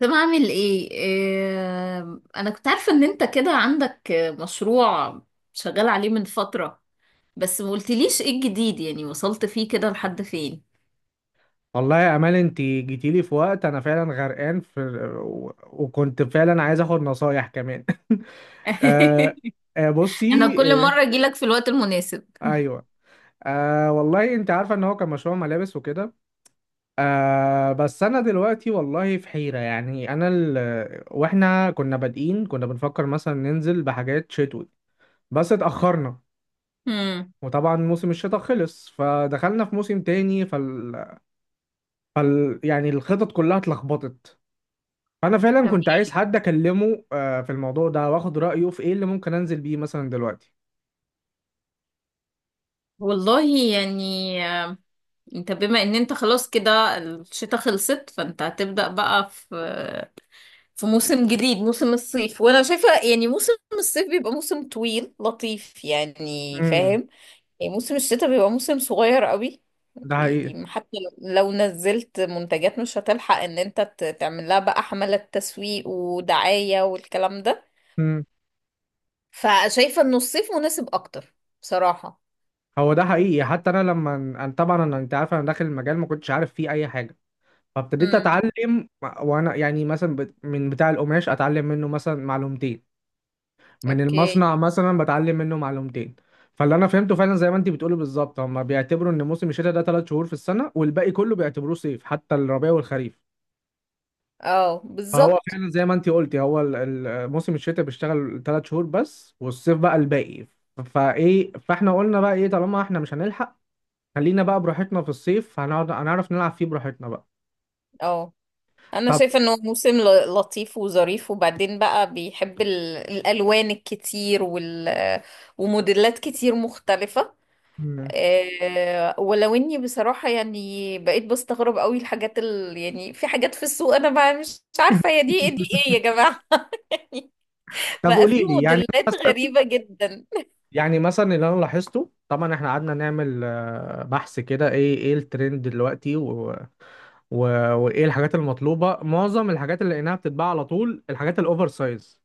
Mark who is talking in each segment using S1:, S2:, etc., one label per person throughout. S1: طب اعمل ايه انا كنت عارفة ان انت كده عندك مشروع شغال عليه من فترة، بس ما قلتليش ايه الجديد، يعني وصلت فيه كده لحد فين؟
S2: والله يا امال، انت جيتيلي في وقت انا فعلا غرقان في وكنت فعلا عايز اخد نصايح كمان. آه آه،
S1: انا
S2: بصي.
S1: كل
S2: آه،
S1: مرة اجيلك في الوقت المناسب.
S2: ايوه. آه والله، انت عارفه ان هو كان مشروع ملابس وكده. آه بس انا دلوقتي والله في حيره. واحنا كنا بنفكر مثلا ننزل بحاجات شتوي بس اتاخرنا.
S1: امم
S2: وطبعا موسم الشتاء خلص فدخلنا في موسم تاني. يعني الخطط كلها اتلخبطت. انا فعلا
S1: تمام.
S2: كنت عايز حد اكلمه في الموضوع ده واخد رايه في ايه اللي ممكن انزل بيه مثلا دلوقتي.
S1: والله يعني آه، انت بما ان انت خلاص كده الشتاء خلصت، فانت هتبدأ بقى في موسم جديد، موسم الصيف. وانا شايفة يعني موسم الصيف بيبقى موسم طويل لطيف، يعني
S2: امم.
S1: فاهم؟ يعني موسم الشتاء بيبقى موسم صغير قوي،
S2: ده حقيقي.
S1: يعني حتى لو نزلت منتجات مش هتلحق ان انت تعمل لها بقى حملة تسويق ودعاية والكلام ده.
S2: امم.
S1: فشايفة انه الصيف مناسب اكتر بصراحة.
S2: هو ده حقيقي. حتى انا لما انا طبعا انا انت عارف، انا داخل المجال ما كنتش عارف فيه اي حاجه فابتديت
S1: امم
S2: اتعلم. وانا يعني مثلا من بتاع القماش اتعلم منه مثلا معلومتين، من
S1: اوكي.
S2: المصنع مثلا بتعلم منه معلومتين. فاللي انا فهمته فعلا زي ما انت بتقولي بالظبط، هم بيعتبروا ان موسم الشتاء ده ثلاث شهور في السنه، والباقي كله بيعتبروه صيف، حتى الربيع والخريف.
S1: اه
S2: فهو
S1: بالظبط.
S2: فعلا زي ما انت قلتي، موسم الشتاء بيشتغل ثلاث شهور بس، والصيف بقى الباقي. فايه؟ فاحنا قلنا بقى ايه طالما احنا مش هنلحق، خلينا بقى براحتنا في الصيف، هنقعد هنعرف نلعب فيه براحتنا بقى.
S1: اه انا
S2: طب.
S1: شايفة انه موسم لطيف وظريف، وبعدين بقى بيحب الالوان الكتير وال وموديلات كتير مختلفة.
S2: مم.
S1: ولو اني بصراحة يعني بقيت بستغرب قوي الحاجات يعني في حاجات في السوق انا ما مش مش عارفة هي دي ايه يا جماعة.
S2: طب
S1: بقى في
S2: قولي لي، يعني
S1: موديلات
S2: مثلا؟
S1: غريبة جدا.
S2: يعني مثلا اللي انا لاحظته، طبعا احنا قعدنا نعمل بحث كده ايه الترند دلوقتي، و... وايه الحاجات المطلوبه. معظم الحاجات اللي لقيناها بتتباع على طول الحاجات الاوفر سايز.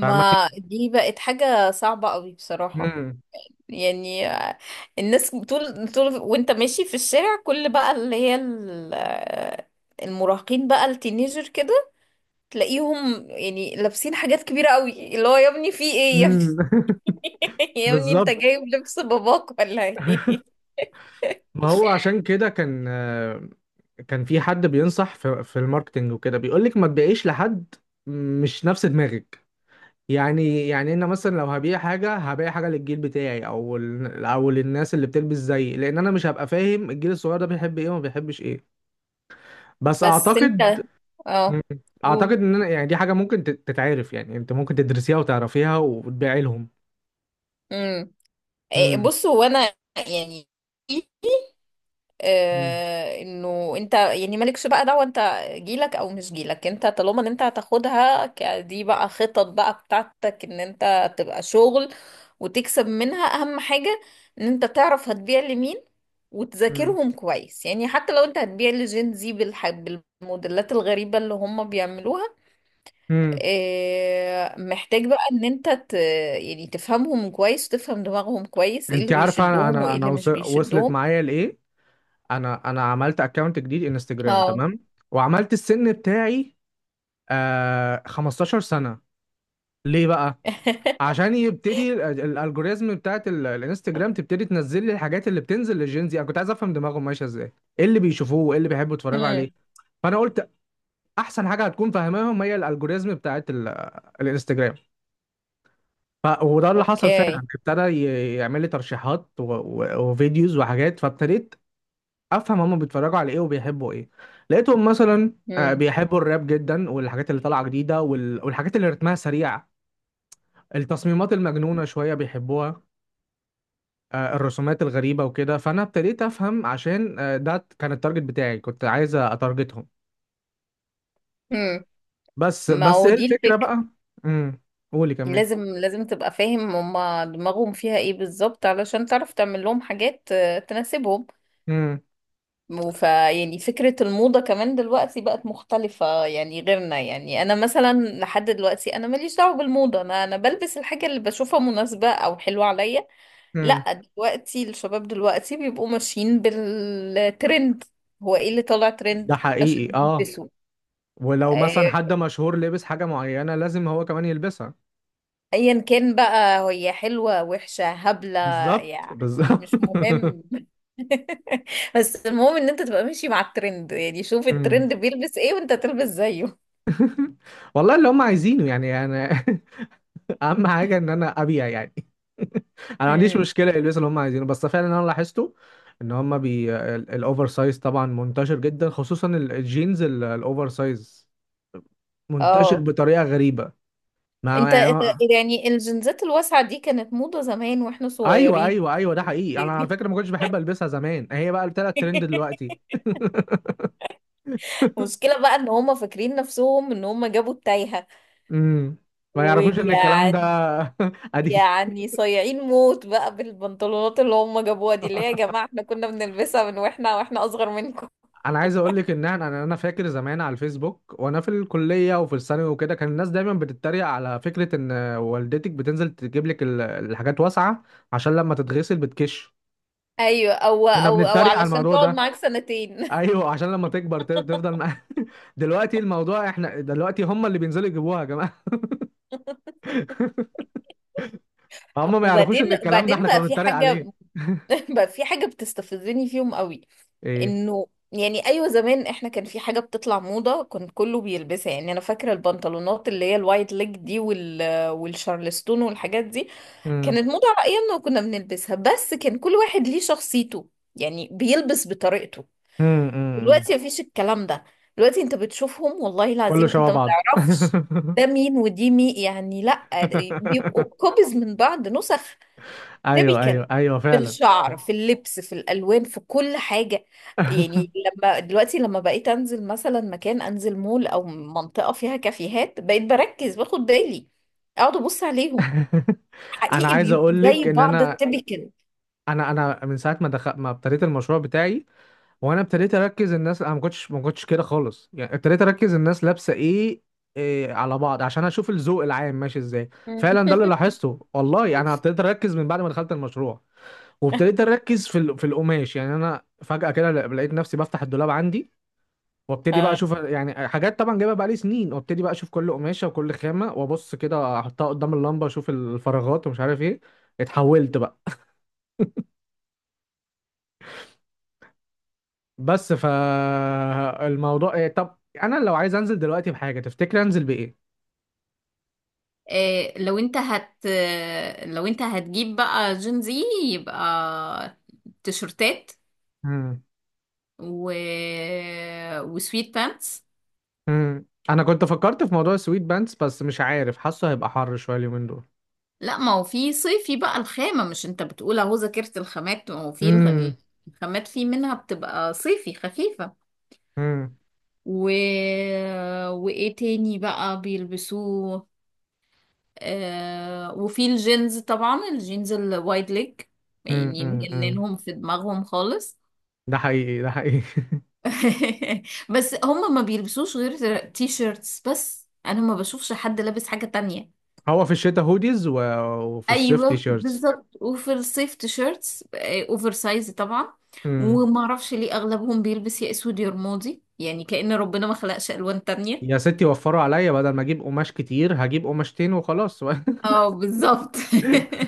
S2: فاهماني.
S1: دي بقت حاجة صعبة قوي بصراحة.
S2: مم.
S1: يعني الناس طول وانت ماشي في الشارع، كل بقى اللي هي المراهقين بقى، التينيجر كده، تلاقيهم يعني لابسين حاجات كبيرة قوي، اللي هو يا ابني في ايه يا ابني؟
S2: مم.
S1: يا ابني انت
S2: بالظبط.
S1: جايب لبس باباك ولا ايه؟
S2: ما هو عشان كده كان كان في حد بينصح في الماركتنج وكده بيقول لك ما تبيعيش لحد مش نفس دماغك. يعني انا مثلا لو هبيع حاجه، هبيع حاجه للجيل بتاعي او للناس اللي بتلبس زيي، لان انا مش هبقى فاهم الجيل الصغير ده بيحب ايه وما بيحبش ايه. بس
S1: بس انت
S2: اعتقد.
S1: اه
S2: مم. اعتقد
S1: قول.
S2: ان انا يعني دي حاجه ممكن تتعرف، يعني انت ممكن تدرسيها وتعرفيها وتبيعي لهم.
S1: امم
S2: امم.
S1: بص هو انا يعني
S2: امم.
S1: انه انت يعني مالكش بقى دعوه انت جيلك او مش جيلك، انت طالما ان انت هتاخدها دي بقى خطط بقى بتاعتك، ان انت تبقى شغل وتكسب منها. اهم حاجه ان انت تعرف هتبيع لمين، وتذاكرهم كويس. يعني حتى لو انت هتبيع لجين زي بالموديلات الغريبه اللي هم بيعملوها،
S2: امم.
S1: محتاج بقى ان انت يعني تفهمهم كويس وتفهم دماغهم كويس، ايه
S2: انت
S1: اللي
S2: عارفه انا،
S1: بيشدهم وايه اللي
S2: وص-
S1: مش
S2: وصلت
S1: بيشدهم.
S2: معايا لايه؟ انا انا عملت اكونت جديد انستجرام،
S1: اه.
S2: تمام؟ وعملت السن بتاعي، آه، 15 سنة. ليه بقى؟ عشان يبتدي الالجوريزم بتاعت الانستجرام تبتدي تنزل لي الحاجات اللي بتنزل للجينزي. انا كنت عايز افهم دماغهم ماشية ازاي، ايه اللي بيشوفوه وايه اللي بيحبوا يتفرجوا عليه.
S1: امم
S2: فانا قلت احسن حاجة هتكون فاهماهم هي الالجوريزم بتاعت الانستجرام. وده اللي حصل فعلا،
S1: اوكي.
S2: ابتدى يعمل لي ترشيحات وفيديوز وحاجات، فابتديت افهم هما بيتفرجوا على ايه وبيحبوا ايه. لقيتهم مثلا
S1: امم
S2: بيحبوا الراب جدا، والحاجات اللي طالعه جديده، والحاجات اللي رتمها سريع، التصميمات المجنونه شويه بيحبوها، آه، الرسومات الغريبه وكده. فانا ابتديت افهم عشان، آه، ده كان التارجت بتاعي، كنت عايز اتارجتهم.
S1: امم
S2: بس
S1: ما
S2: بس
S1: هو
S2: ايه
S1: دي
S2: الفكره
S1: الفكرة.
S2: بقى. امم. قولي كملي.
S1: لازم تبقى فاهم هما دماغهم فيها ايه بالظبط، علشان تعرف تعمل لهم حاجات تناسبهم.
S2: امم.
S1: وف يعني فكرة الموضة كمان دلوقتي بقت مختلفة، يعني غيرنا. يعني أنا مثلا لحد دلوقتي أنا ماليش دعوة بالموضة، أنا بلبس الحاجة اللي بشوفها مناسبة أو حلوة عليا.
S2: امم.
S1: لأ دلوقتي الشباب دلوقتي بيبقوا ماشيين بالترند، هو ايه اللي طالع
S2: ده
S1: ترند عشان
S2: حقيقي، اه.
S1: يلبسوا.
S2: ولو مثلا
S1: آه،
S2: حد مشهور لبس حاجه معينه لازم هو كمان يلبسها.
S1: ايا كان بقى هي، حلوة وحشة هبلة،
S2: بالظبط
S1: يعني
S2: بالظبط
S1: مش مهم. بس المهم ان انت تبقى ماشي مع الترند، يعني شوف الترند بيلبس ايه وانت تلبس زيه.
S2: والله اللي هم عايزينه، يعني انا، اهم حاجه ان انا ابيع يعني. انا ما عنديش
S1: امم
S2: مشكله يلبسوا اللي هم عايزينه، بس فعلا انا لاحظته ان هم بي الاوفر سايز طبعا منتشر جدا، خصوصا الجينز الاوفر سايز، منتشر
S1: اه.
S2: بطريقه غريبه. ما
S1: انت انت-
S2: ما-
S1: يعني الجنزات الواسعة دي كانت موضة زمان واحنا
S2: ايوه،
S1: صغيرين.
S2: ايوه، ده حقيقي. انا على
S1: دي
S2: فكره ما كنتش بحب البسها زمان، هي بقى طلعت ترند دلوقتي.
S1: مشكلة بقى، ان هم فاكرين نفسهم ان هم جابوا التايهة.
S2: امم. ما يعرفوش ان الكلام ده
S1: ويعني
S2: قديم.
S1: يعني صايعين موت بقى بالبنطلونات اللي هم جابوها دي، اللي هي يا جماعة احنا كنا بنلبسها من واحنا اصغر منكم.
S2: انا عايز اقول لك ان انا، انا أنا فاكر زمان على الفيسبوك، وانا في الكليه وفي الثانوي وكده، كان الناس دايما بتتريق على فكره ان والدتك بتنزل تجيب لك الحاجات واسعه عشان لما تتغسل بتكش.
S1: ايوه،
S2: كنا
S1: او
S2: بنتريق على
S1: علشان
S2: الموضوع
S1: تقعد
S2: ده.
S1: معاك سنتين.
S2: ايوه، عشان لما تكبر تفضل دلوقتي الموضوع، احنا دلوقتي هم اللي بينزلوا يجيبوها يا جماعه. هم ما يعرفوش
S1: وبعدين
S2: ان الكلام ده
S1: بعدين
S2: احنا كنا
S1: بقى في
S2: بنتريق
S1: حاجه،
S2: عليه.
S1: بقى في حاجه بتستفزني فيهم قوي.
S2: ايه.
S1: انه يعني ايوه زمان احنا كان في حاجه بتطلع موضه كان كله بيلبسها، يعني انا فاكره البنطلونات اللي هي الوايت ليج دي، وال والشارلستون والحاجات دي
S2: امم.
S1: كانت موضه على ايامنا، وكنا بنلبسها، بس كان كل واحد ليه شخصيته، يعني بيلبس بطريقته.
S2: امم. أمم.
S1: دلوقتي مفيش الكلام ده. دلوقتي انت بتشوفهم، والله
S2: كله
S1: العظيم
S2: شبه
S1: انت ما
S2: بعضه.
S1: تعرفش ده مين ودي مين، يعني لا بيبقوا كوبيز من بعض، نسخ
S2: ايوه،
S1: تيبيكال،
S2: ايوه،
S1: في
S2: فعلا.
S1: الشعر في اللبس في الالوان في كل حاجه. يعني لما دلوقتي لما بقيت انزل مثلا مكان، انزل مول او منطقه فيها كافيهات، بقيت بركز باخد بالي، اقعد ابص عليهم.
S2: انا
S1: حقيقي
S2: عايز
S1: بيبقوا
S2: اقول
S1: زي
S2: لك ان
S1: بعض،
S2: انا،
S1: التيبيكال.
S2: من ساعه ما دخل، ما ابتديت المشروع بتاعي وانا ابتديت اركز الناس، انا ما كنتش كده خالص. يعني ابتديت اركز الناس لابسه ايه، إيه على بعض، عشان اشوف الذوق العام ماشي ازاي. فعلا ده اللي لاحظته والله. انا ابتديت اركز من بعد ما دخلت المشروع، وابتديت اركز في القماش. يعني انا فجاه كده لقيت نفسي بفتح الدولاب عندي، وابتدي بقى اشوف يعني حاجات طبعا جايبها بقالي سنين، وابتدي بقى اشوف كل قماشه وكل خامه، وابص كده احطها قدام اللمبه، اشوف الفراغات ومش عارف ايه. اتحولت بقى. بس فالموضوع ايه، طب انا لو عايز انزل دلوقتي بحاجه، تفتكر انزل بايه؟
S1: إيه، لو انت هت لو انت هتجيب بقى جين زي، يبقى تيشرتات
S2: مم.
S1: و... وسويت بانتس.
S2: مم. انا كنت فكرت في موضوع السويت بانس، بس مش عارف، حاسه هيبقى حر شويه اليومين دول.
S1: لا ما هو في صيفي بقى الخامة، مش انت بتقول اهو ذاكرت الخامات، ما هو في
S2: امم.
S1: الخامات في منها بتبقى صيفي خفيفة.
S2: امم.
S1: و... وايه تاني بقى بيلبسوه؟ وفي الجينز طبعا، الجينز الوايد ليج، يعني
S2: امم.
S1: مجننهم في دماغهم خالص.
S2: ده حقيقي، ده حقيقي.
S1: بس هم ما بيلبسوش غير تي شيرتس بس، انا ما بشوفش حد لابس حاجة تانية.
S2: هو في الشتاء هوديز وفي الصيف تي
S1: ايوه
S2: شيرتس.
S1: بالظبط، وفي الصيف تي شيرتس، اوفر سايز طبعا. وما اعرفش ليه اغلبهم بيلبس يا اسود يا رمادي، يعني كأن ربنا ما خلقش الوان تانية.
S2: يا ستي، وفروا عليا، بدل ما اجيب قماش كتير هجيب قماشتين وخلاص.
S1: اه بالظبط.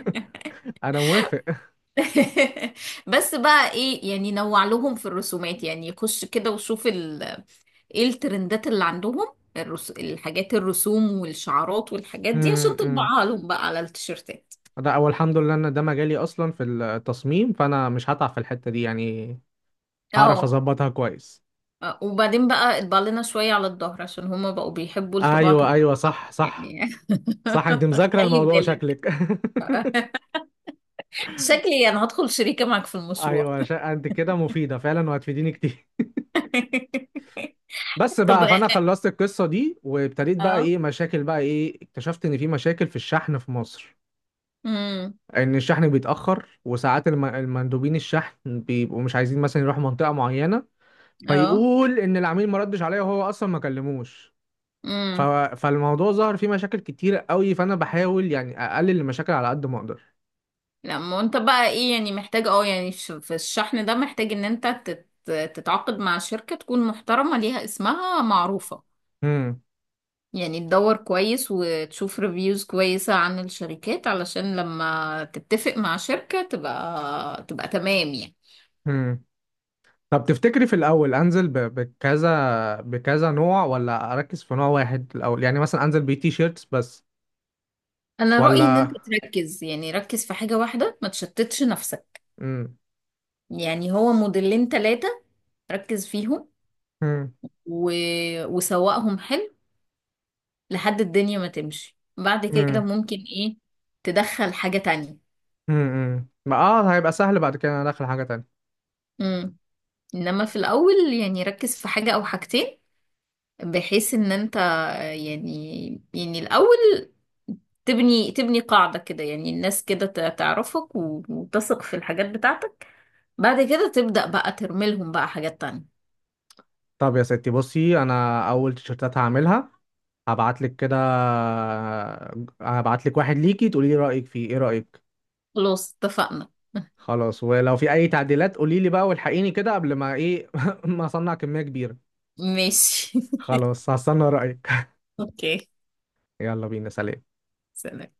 S2: انا موافق.
S1: بس بقى ايه، يعني نوع لهم في الرسومات، يعني خش كده وشوف ايه الترندات اللي عندهم، الحاجات الرسوم والشعارات والحاجات دي عشان
S2: أمم، أمم.
S1: تطبعها لهم بقى على التيشيرتات.
S2: ده اول الحمد لله ان ده مجالي اصلا في التصميم، فانا مش هتعب في الحتة دي يعني. هعرف
S1: اه.
S2: اظبطها كويس.
S1: وبعدين بقى اطبع لنا شوية على الظهر، عشان هما بقوا بيحبوا الطباعة
S2: ايوه،
S1: تبقى خطأ.
S2: صح، صح
S1: يعني.
S2: صح انت مذاكرة
S1: خلي
S2: الموضوع
S1: بالك،
S2: شكلك.
S1: شكلي انا هدخل شريكة معك في المشروع.
S2: ايوه، انت كده مفيدة فعلا، وهتفيديني كتير. بس
S1: طب
S2: بقى، فانا خلصت القصة دي، وابتديت بقى
S1: اه.
S2: ايه مشاكل بقى. ايه، اكتشفت ان في مشاكل في الشحن في مصر.
S1: امم
S2: ان الشحن بيتاخر، وساعات المندوبين الشحن بيبقوا مش عايزين مثلا يروحوا منطقه معينه،
S1: اه.
S2: فيقول ان العميل ما ردش عليا، وهو اصلا ما كلموش. ف...
S1: امم
S2: فالموضوع ظهر فيه مشاكل كتيره قوي، فانا بحاول يعني اقلل المشاكل على قد ما اقدر.
S1: لا، ما انت بقى ايه، يعني محتاج اه يعني في الشحن ده محتاج ان انت تتعاقد مع شركة تكون محترمة، ليها اسمها معروفة.
S2: امم.
S1: يعني تدور كويس وتشوف ريفيوز كويسة عن الشركات، علشان لما تتفق مع شركة تبقى تمام يعني.
S2: امم. طب تفتكري في الاول انزل بكذا، نوع ولا اركز في نوع واحد الاول؟ يعني مثلا انزل بتي شيرتس بس
S1: انا رأيي ان
S2: ولا.
S1: انت تركز، يعني ركز في حاجة واحدة، ما تشتتش نفسك.
S2: امم.
S1: يعني هو موديلين ثلاثة، ركز فيهم،
S2: امم.
S1: و... وسوقهم حلو. لحد الدنيا ما تمشي، بعد كده
S2: امم
S1: ممكن ايه تدخل حاجة تانية.
S2: امم. ما اه، هيبقى سهل بعد كده انا داخل حاجه تانية.
S1: امم انما في الاول يعني ركز في حاجة او حاجتين، بحيث ان انت آه، يعني الاول تبني قاعدة كده، يعني الناس كده تعرفك وتثق في الحاجات بتاعتك، بعد كده تبدأ بقى ترمي لهم بقى حاجات تانية.
S2: طب يا ستي بصي، انا اول تيشرتات هعملها هبعت لك كده، هبعت لك واحد ليكي تقولي لي رايك فيه. ايه رايك؟
S1: خلاص اتفقنا.
S2: خلاص، ولو في اي تعديلات قولي لي بقى والحقيني كده قبل ما ايه ما اصنع كميه كبيره.
S1: ماشي.
S2: خلاص هستنى رايك.
S1: اوكي.
S2: يلا بينا، سلام.
S1: سلام.